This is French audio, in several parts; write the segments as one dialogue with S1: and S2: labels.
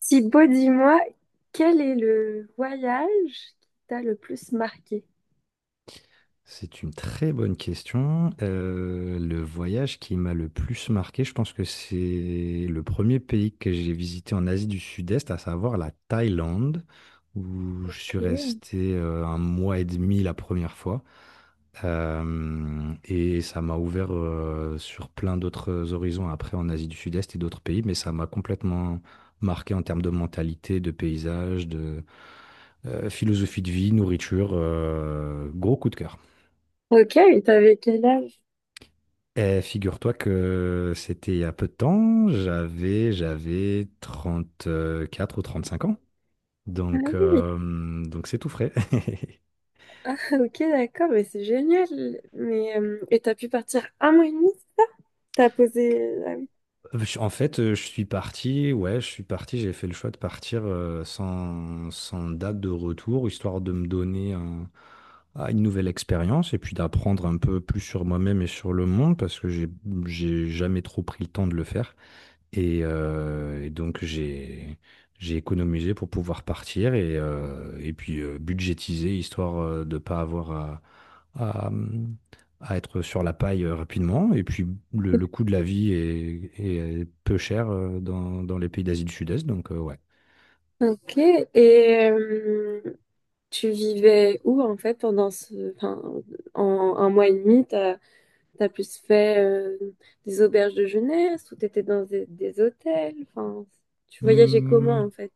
S1: Thibaut, dis-moi, quel est le voyage qui t'a le plus marqué?
S2: C'est une très bonne question. Le voyage qui m'a le plus marqué, je pense que c'est le premier pays que j'ai visité en Asie du Sud-Est, à savoir la Thaïlande, où je suis
S1: Ok.
S2: resté un mois et demi la première fois. Et ça m'a ouvert sur plein d'autres horizons après en Asie du Sud-Est et d'autres pays, mais ça m'a complètement marqué en termes de mentalité, de paysage, de philosophie de vie, nourriture. Gros coup de cœur.
S1: Ok, et t'avais quel âge?
S2: Eh, figure-toi que c'était il y a peu de temps, j'avais 34 ou 35 ans,
S1: Ah
S2: donc
S1: oui,
S2: euh, donc c'est tout frais.
S1: ok, d'accord, mais c'est génial. Mais, et t'as pu partir un mois et demi? T'as posé... Ah oui.
S2: En fait, je suis parti, ouais, je suis parti, j'ai fait le choix de partir sans date de retour, histoire de me donner à une nouvelle expérience et puis d'apprendre un peu plus sur moi-même et sur le monde, parce que j'ai jamais trop pris le temps de le faire. Et donc j'ai économisé pour pouvoir partir et puis budgétiser, histoire de pas avoir à, hum, à être sur la paille rapidement. Et puis le coût de la vie est peu cher dans les pays d'Asie du Sud-Est, donc ouais.
S1: Ok, et tu vivais où en fait pendant ce... Enfin, en un mois et demi, t'as plus fait des auberges de jeunesse ou t'étais dans des hôtels? Enfin, tu voyageais comment
S2: Hum,
S1: en fait?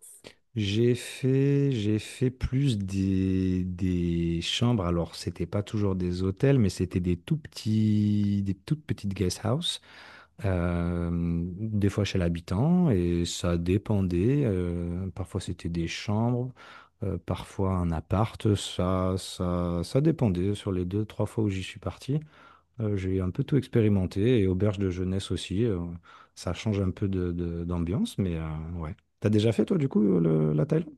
S2: j'ai fait plus des chambres. Alors c'était pas toujours des hôtels, mais c'était des toutes petites guest houses, des fois chez l'habitant, et ça dépendait. Parfois c'était des chambres, parfois un appart, ça dépendait. Sur les deux, trois fois où j'y suis parti, j'ai un peu tout expérimenté, et auberge de jeunesse aussi, ça change un peu d'ambiance, mais ouais. T'as déjà fait toi du coup la Thaïlande?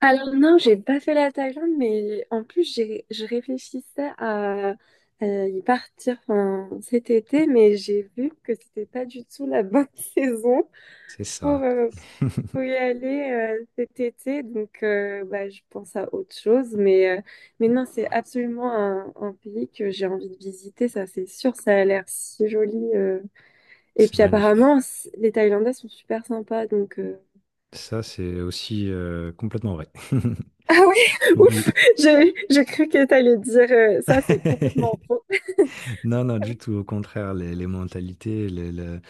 S1: Alors non, j'ai pas fait la Thaïlande, mais en plus j'ai je réfléchissais à y partir enfin, cet été, mais j'ai vu que c'était pas du tout la bonne saison
S2: C'est
S1: pour,
S2: ça,
S1: euh, pour y aller cet été. Donc bah, je pense à autre chose, mais non, c'est absolument un pays que j'ai envie de visiter, ça c'est sûr, ça a l'air si joli. Et
S2: c'est
S1: puis
S2: magnifique.
S1: apparemment les Thaïlandais sont super sympas, donc.
S2: Ça, c'est aussi complètement vrai.
S1: Ah oui, ouf,
S2: Oui.
S1: j'ai cru que tu allais dire ça, c'est complètement faux.
S2: Non, non, du tout. Au contraire, les mentalités,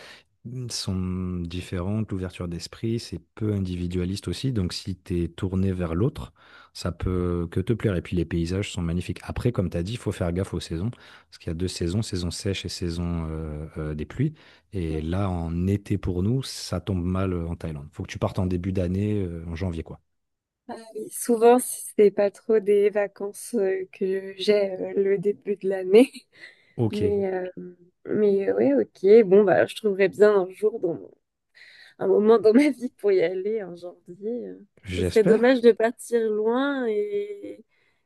S2: sont différentes, l'ouverture d'esprit, c'est peu individualiste aussi, donc si tu es tourné vers l'autre, ça peut que te plaire. Et puis les paysages sont magnifiques. Après, comme tu as dit, il faut faire gaffe aux saisons, parce qu'il y a deux saisons, saison sèche et saison des pluies. Et là, en été pour nous, ça tombe mal en Thaïlande. Faut que tu partes en début d'année, en janvier, quoi.
S1: Souvent, si c'est pas trop des vacances que j'ai le début de l'année.
S2: Ok,
S1: Mais, euh, mais ouais, ok. Bon, bah, je trouverais bien un jour, un moment dans ma vie pour y aller en janvier. Ce serait
S2: j'espère.
S1: dommage de partir loin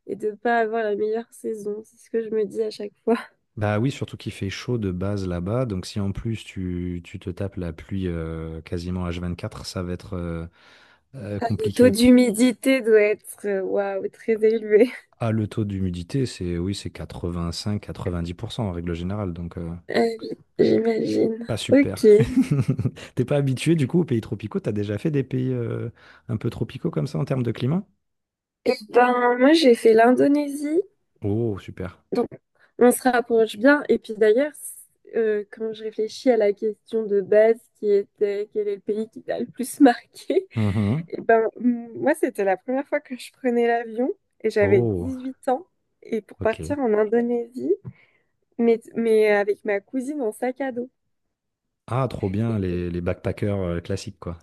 S1: et de pas avoir la meilleure saison. C'est ce que je me dis à chaque fois.
S2: Bah oui, surtout qu'il fait chaud de base là-bas, donc si en plus tu te tapes la pluie quasiment h 24, ça va être
S1: Ah, le taux
S2: compliqué.
S1: d'humidité doit être, waouh, très élevé.
S2: Ah, le taux d'humidité, c'est oui, c'est 85-90% en règle générale, donc
S1: Euh, j'imagine.
S2: pas
S1: Ok.
S2: super.
S1: Eh
S2: T'es pas habitué du coup aux pays tropicaux, t'as déjà fait des pays un peu tropicaux comme ça en termes de climat?
S1: ben, moi, j'ai fait l'Indonésie.
S2: Oh, super.
S1: Donc, on se rapproche bien. Et puis d'ailleurs, quand je réfléchis à la question de base qui était quel est le pays qui t'a le plus marqué,
S2: Mhm.
S1: eh ben, moi, c'était la première fois que je prenais l'avion et j'avais
S2: Oh,
S1: 18 ans. Et pour
S2: ok.
S1: partir en Indonésie, mais avec ma cousine en sac à dos.
S2: Ah, trop bien,
S1: Et donc,
S2: les backpackers classiques, quoi.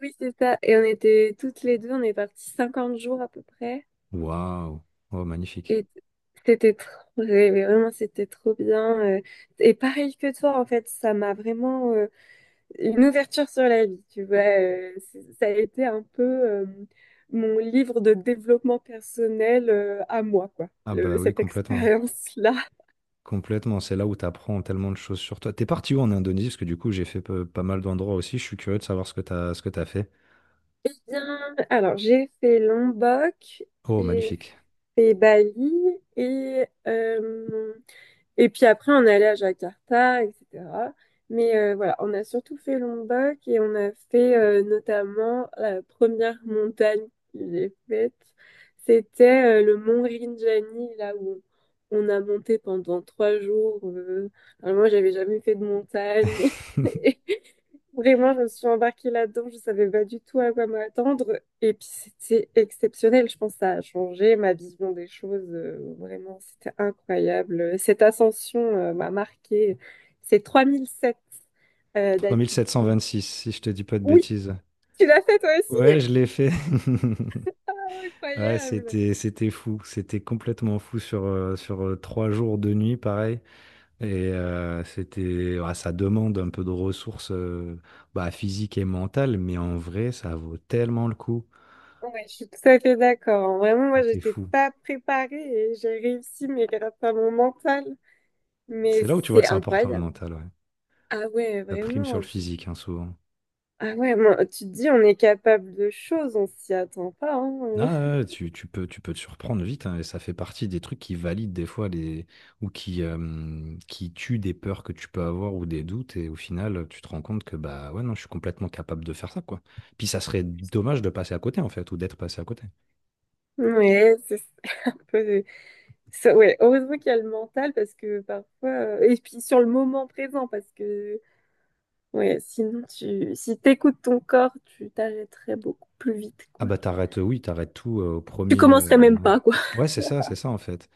S1: oui, c'est ça. Et on était toutes les deux, on est partis 50 jours à peu près.
S2: Waouh. Oh, magnifique.
S1: Et c'était trop, mais vraiment, c'était trop bien. Et pareil que toi, en fait, ça m'a vraiment une ouverture sur la vie, tu vois. Ça a été un peu mon livre de développement personnel à moi, quoi,
S2: Ah bah oui,
S1: cette
S2: complètement.
S1: expérience-là.
S2: Complètement, c'est là où t'apprends tellement de choses sur toi. T'es parti où en Indonésie? Parce que du coup, j'ai fait pas mal d'endroits aussi. Je suis curieux de savoir ce que t'as fait.
S1: Eh bien, alors, j'ai fait Lombok,
S2: Oh,
S1: j'ai
S2: magnifique.
S1: fait Bali et euh, et puis après, on est allé à Jakarta, etc. Mais voilà, on a surtout fait Lombok et on a fait notamment la première montagne que j'ai faite. C'était le mont Rinjani, là où on a monté pendant 3 jours. Alors moi, j'avais jamais fait de montagne. Vraiment, je me suis embarquée là-dedans, je savais pas du tout à quoi m'attendre. Et puis c'était exceptionnel, je pense que ça a changé ma vision des choses. Vraiment, c'était incroyable. Cette ascension m'a marquée. C'est 3007 d'altitude.
S2: 3 726, si je te dis pas de
S1: Oui,
S2: bêtises.
S1: tu l'as fait toi aussi,
S2: Ouais, je l'ai fait. Ouais,
S1: incroyable.
S2: c'était fou, c'était complètement fou sur 3 jours de nuit, pareil. Et c'était, ouais, ça demande un peu de ressources, bah, physiques et mentales, mais en vrai, ça vaut tellement le coup.
S1: Ouais, je suis tout à fait d'accord. Vraiment, moi,
S2: C'était
S1: j'étais
S2: fou.
S1: pas préparée et j'ai réussi, mais grâce à mon mental. Mais
S2: C'est là où tu vois
S1: c'est
S2: que c'est important, le
S1: incroyable.
S2: mental, ouais.
S1: Ah ouais,
S2: Ça prime sur
S1: vraiment.
S2: le
S1: Tu
S2: physique, hein, souvent.
S1: Ah ouais, moi, tu te dis, on est capable de choses, on s'y attend pas. Hein. euh.
S2: Ah, ouais, tu peux te surprendre vite, hein, et ça fait partie des trucs qui valident des fois ou qui tuent des peurs que tu peux avoir ou des doutes, et au final, tu te rends compte que bah ouais, non, je suis complètement capable de faire ça, quoi. Puis ça serait dommage de passer à côté, en fait, ou d'être passé à côté.
S1: Ouais, c'est un peu. Ouais, heureusement qu'il y a le mental parce que parfois. Et puis sur le moment présent parce que. Ouais, sinon, tu... si t'écoutes ton corps, tu t'arrêterais beaucoup plus vite,
S2: Ah
S1: quoi.
S2: bah t'arrêtes, oui, t'arrêtes tout au
S1: Tu
S2: premier. euh,
S1: commencerais même
S2: ouais,
S1: pas, quoi.
S2: Ouais, c'est ça, en fait.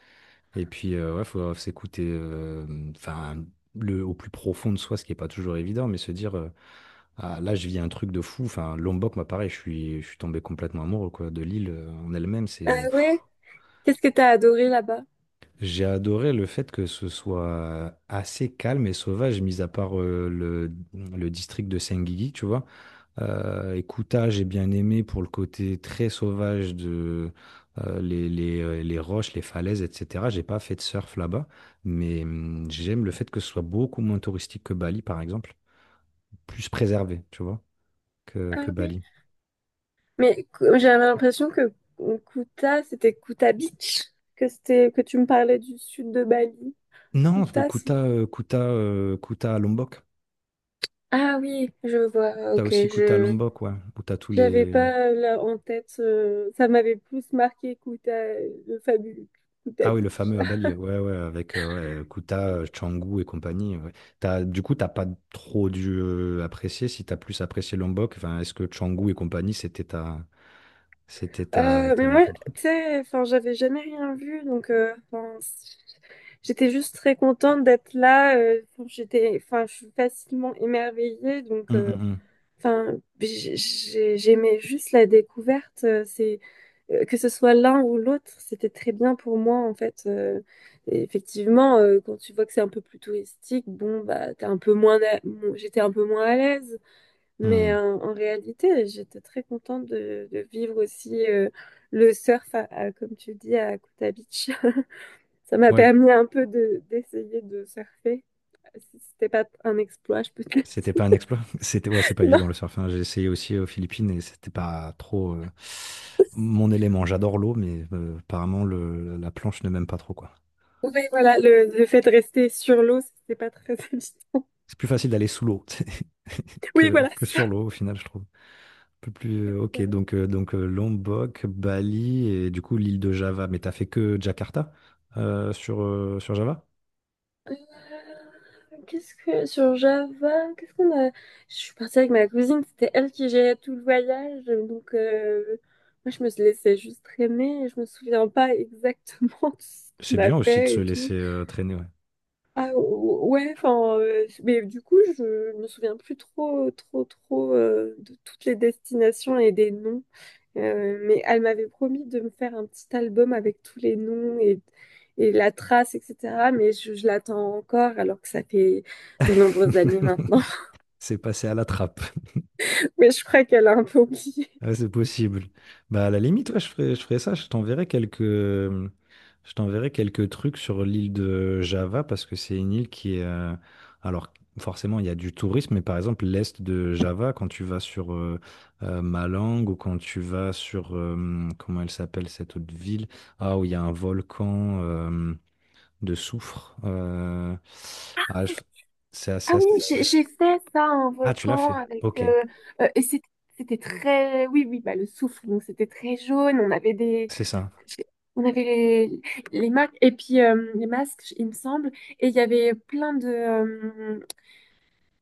S2: Et puis, ouais, faut s'écouter, enfin, au plus profond de soi, ce qui est pas toujours évident, mais se dire. Ah, là, je vis un truc de fou. Enfin, Lombok, moi, pareil, je suis, tombé complètement amoureux, quoi, de l'île en elle-même. C'est,
S1: Ah
S2: pff.
S1: ouais? Qu'est-ce que t'as adoré là-bas?
S2: J'ai adoré le fait que ce soit assez calme et sauvage, mis à part le district de Senggigi, tu vois. Et Kuta, j'ai bien aimé pour le côté très sauvage de les roches, les falaises, etc. J'ai pas fait de surf là-bas, mais j'aime le fait que ce soit beaucoup moins touristique que Bali, par exemple, plus préservé, tu vois, que,
S1: Ah
S2: que
S1: oui.
S2: Bali.
S1: Mais j'avais l'impression que Kuta, c'était Kuta Beach, que c'était que tu me parlais du sud de Bali.
S2: Non, le
S1: Kuta, c'est
S2: Kuta, euh, Kuta, euh, Kuta à Lombok.
S1: Ah oui, je vois.
S2: T'as
S1: Ok,
S2: aussi Kuta à
S1: je
S2: Lombok, ouais. Où t'as tous
S1: J'avais
S2: les.
S1: pas là en tête. Ça m'avait plus marqué Kuta, le fabuleux Kuta
S2: Ah oui, le
S1: Beach.
S2: fameux à Bali, ouais, ouais, avec ouais, Kuta, Canggu et compagnie. Ouais. Du coup, t'as pas trop dû apprécier, si t'as plus apprécié Lombok, enfin, est-ce que Canggu et compagnie, c'était ta,
S1: Mais moi,
S2: ton
S1: tu
S2: truc?
S1: sais, enfin, j'avais jamais rien vu, donc enfin, j'étais juste très contente d'être là. J'étais, enfin, je suis facilement émerveillée, donc.
S2: Hum, hum,
S1: euh,
S2: hum.
S1: Enfin, j'aimais juste la découverte. C'est que ce soit l'un ou l'autre, c'était très bien pour moi en fait. Et effectivement, quand tu vois que c'est un peu plus touristique, bon bah t'es un peu moins, bon, j'étais un peu moins à l'aise. Mais
S2: Hum.
S1: en réalité, j'étais très contente de vivre aussi le surf, comme tu dis, à Kuta Beach. Ça m'a
S2: Ouais,
S1: permis un peu de d'essayer de surfer. C'était pas un exploit, je peux te le
S2: c'était pas un
S1: dire.
S2: exploit. C'était, ouais, c'est pas évident, le surf. Hein. J'ai essayé aussi aux Philippines et c'était pas trop
S1: Non.
S2: mon élément. J'adore l'eau, mais apparemment, la planche ne m'aime pas trop, quoi.
S1: Oui, voilà, le fait de rester sur l'eau, c'est pas très habituel.
S2: C'est plus facile d'aller sous l'eau
S1: Oui,
S2: que,
S1: voilà,
S2: que
S1: c'est ça.
S2: sur l'eau, au final, je trouve. Un peu plus. Ok, donc, Lombok, Bali et du coup l'île de Java. Mais t'as fait que Jakarta, sur Java?
S1: Qu'est-ce que sur Java, qu'est-ce qu'on a? Je suis partie avec ma cousine, c'était elle qui gérait tout le voyage, donc moi je me suis laissée juste traîner, et je me souviens pas exactement de ce qu'on
S2: C'est
S1: a
S2: bien aussi de
S1: fait
S2: se
S1: et tout.
S2: laisser traîner, ouais.
S1: Ouais, enfin, mais du coup je me souviens plus trop, trop, trop de toutes les destinations et des noms. Mais elle m'avait promis de me faire un petit album avec tous les noms et la trace, etc. Mais je l'attends encore alors que ça fait de nombreuses années maintenant.
S2: C'est passé à la trappe.
S1: Mais je crois qu'elle a un peu oublié.
S2: Ah, c'est possible. Bah, à la limite, ouais, je ferai ça. Je t'enverrai quelques trucs sur l'île de Java parce que c'est une île qui est. Alors, forcément, il y a du tourisme, mais par exemple, l'est de Java, quand tu vas sur Malang, ou quand tu vas sur. Comment elle s'appelle cette autre ville? Ah, où il y a un volcan de soufre. Ah, je- c'est
S1: Ah
S2: assez,
S1: oui,
S2: assez chouette.
S1: j'ai fait ça en
S2: Ah, tu l'as
S1: volcan
S2: fait.
S1: avec
S2: Ok,
S1: et c'était c'était très oui oui bah le soufre donc c'était très jaune on avait des
S2: c'est ça.
S1: on avait les marques et puis les masques il me semble et il y avait plein de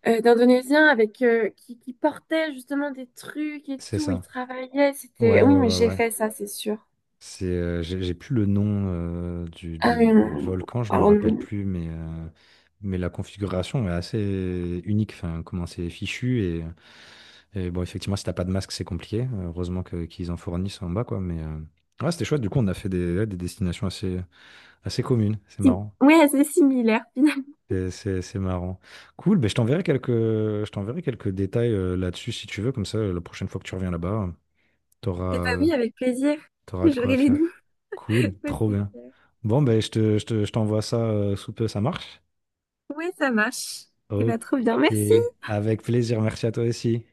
S1: d'Indonésiens avec qui portaient justement des trucs et
S2: C'est
S1: tout, ils
S2: ça.
S1: travaillaient, c'était...
S2: Ouais,
S1: Oui,
S2: ouais,
S1: mais
S2: ouais,
S1: j'ai
S2: ouais.
S1: fait ça, c'est sûr.
S2: J'ai plus le nom du, du
S1: Euh,
S2: volcan, je me
S1: alors,
S2: rappelle plus, mais la configuration est assez unique. Enfin, comment c'est fichu et bon, effectivement, si t'as pas de masque, c'est compliqué. Heureusement qu'ils en fournissent en bas, quoi. Mais ouais, c'était chouette. Du coup, on a fait des, ouais, des destinations assez, assez communes. C'est
S1: Si-
S2: marrant.
S1: Oui, c'est similaire finalement.
S2: C'est marrant. Cool. Ben, je t'enverrai quelques détails là-dessus si tu veux. Comme ça, la prochaine fois que tu reviens là-bas, t'auras
S1: Eh bah
S2: euh,
S1: oui, avec plaisir.
S2: T'auras de quoi
S1: J'aurai les
S2: faire.
S1: noms.
S2: Cool,
S1: Ouais,
S2: trop
S1: c'est
S2: bien.
S1: clair.
S2: Bon, ben, je t'envoie ça sous peu, ça marche?
S1: Ouais, ça marche. Eh
S2: Ok,
S1: bah trop bien, merci.
S2: avec plaisir, merci à toi aussi.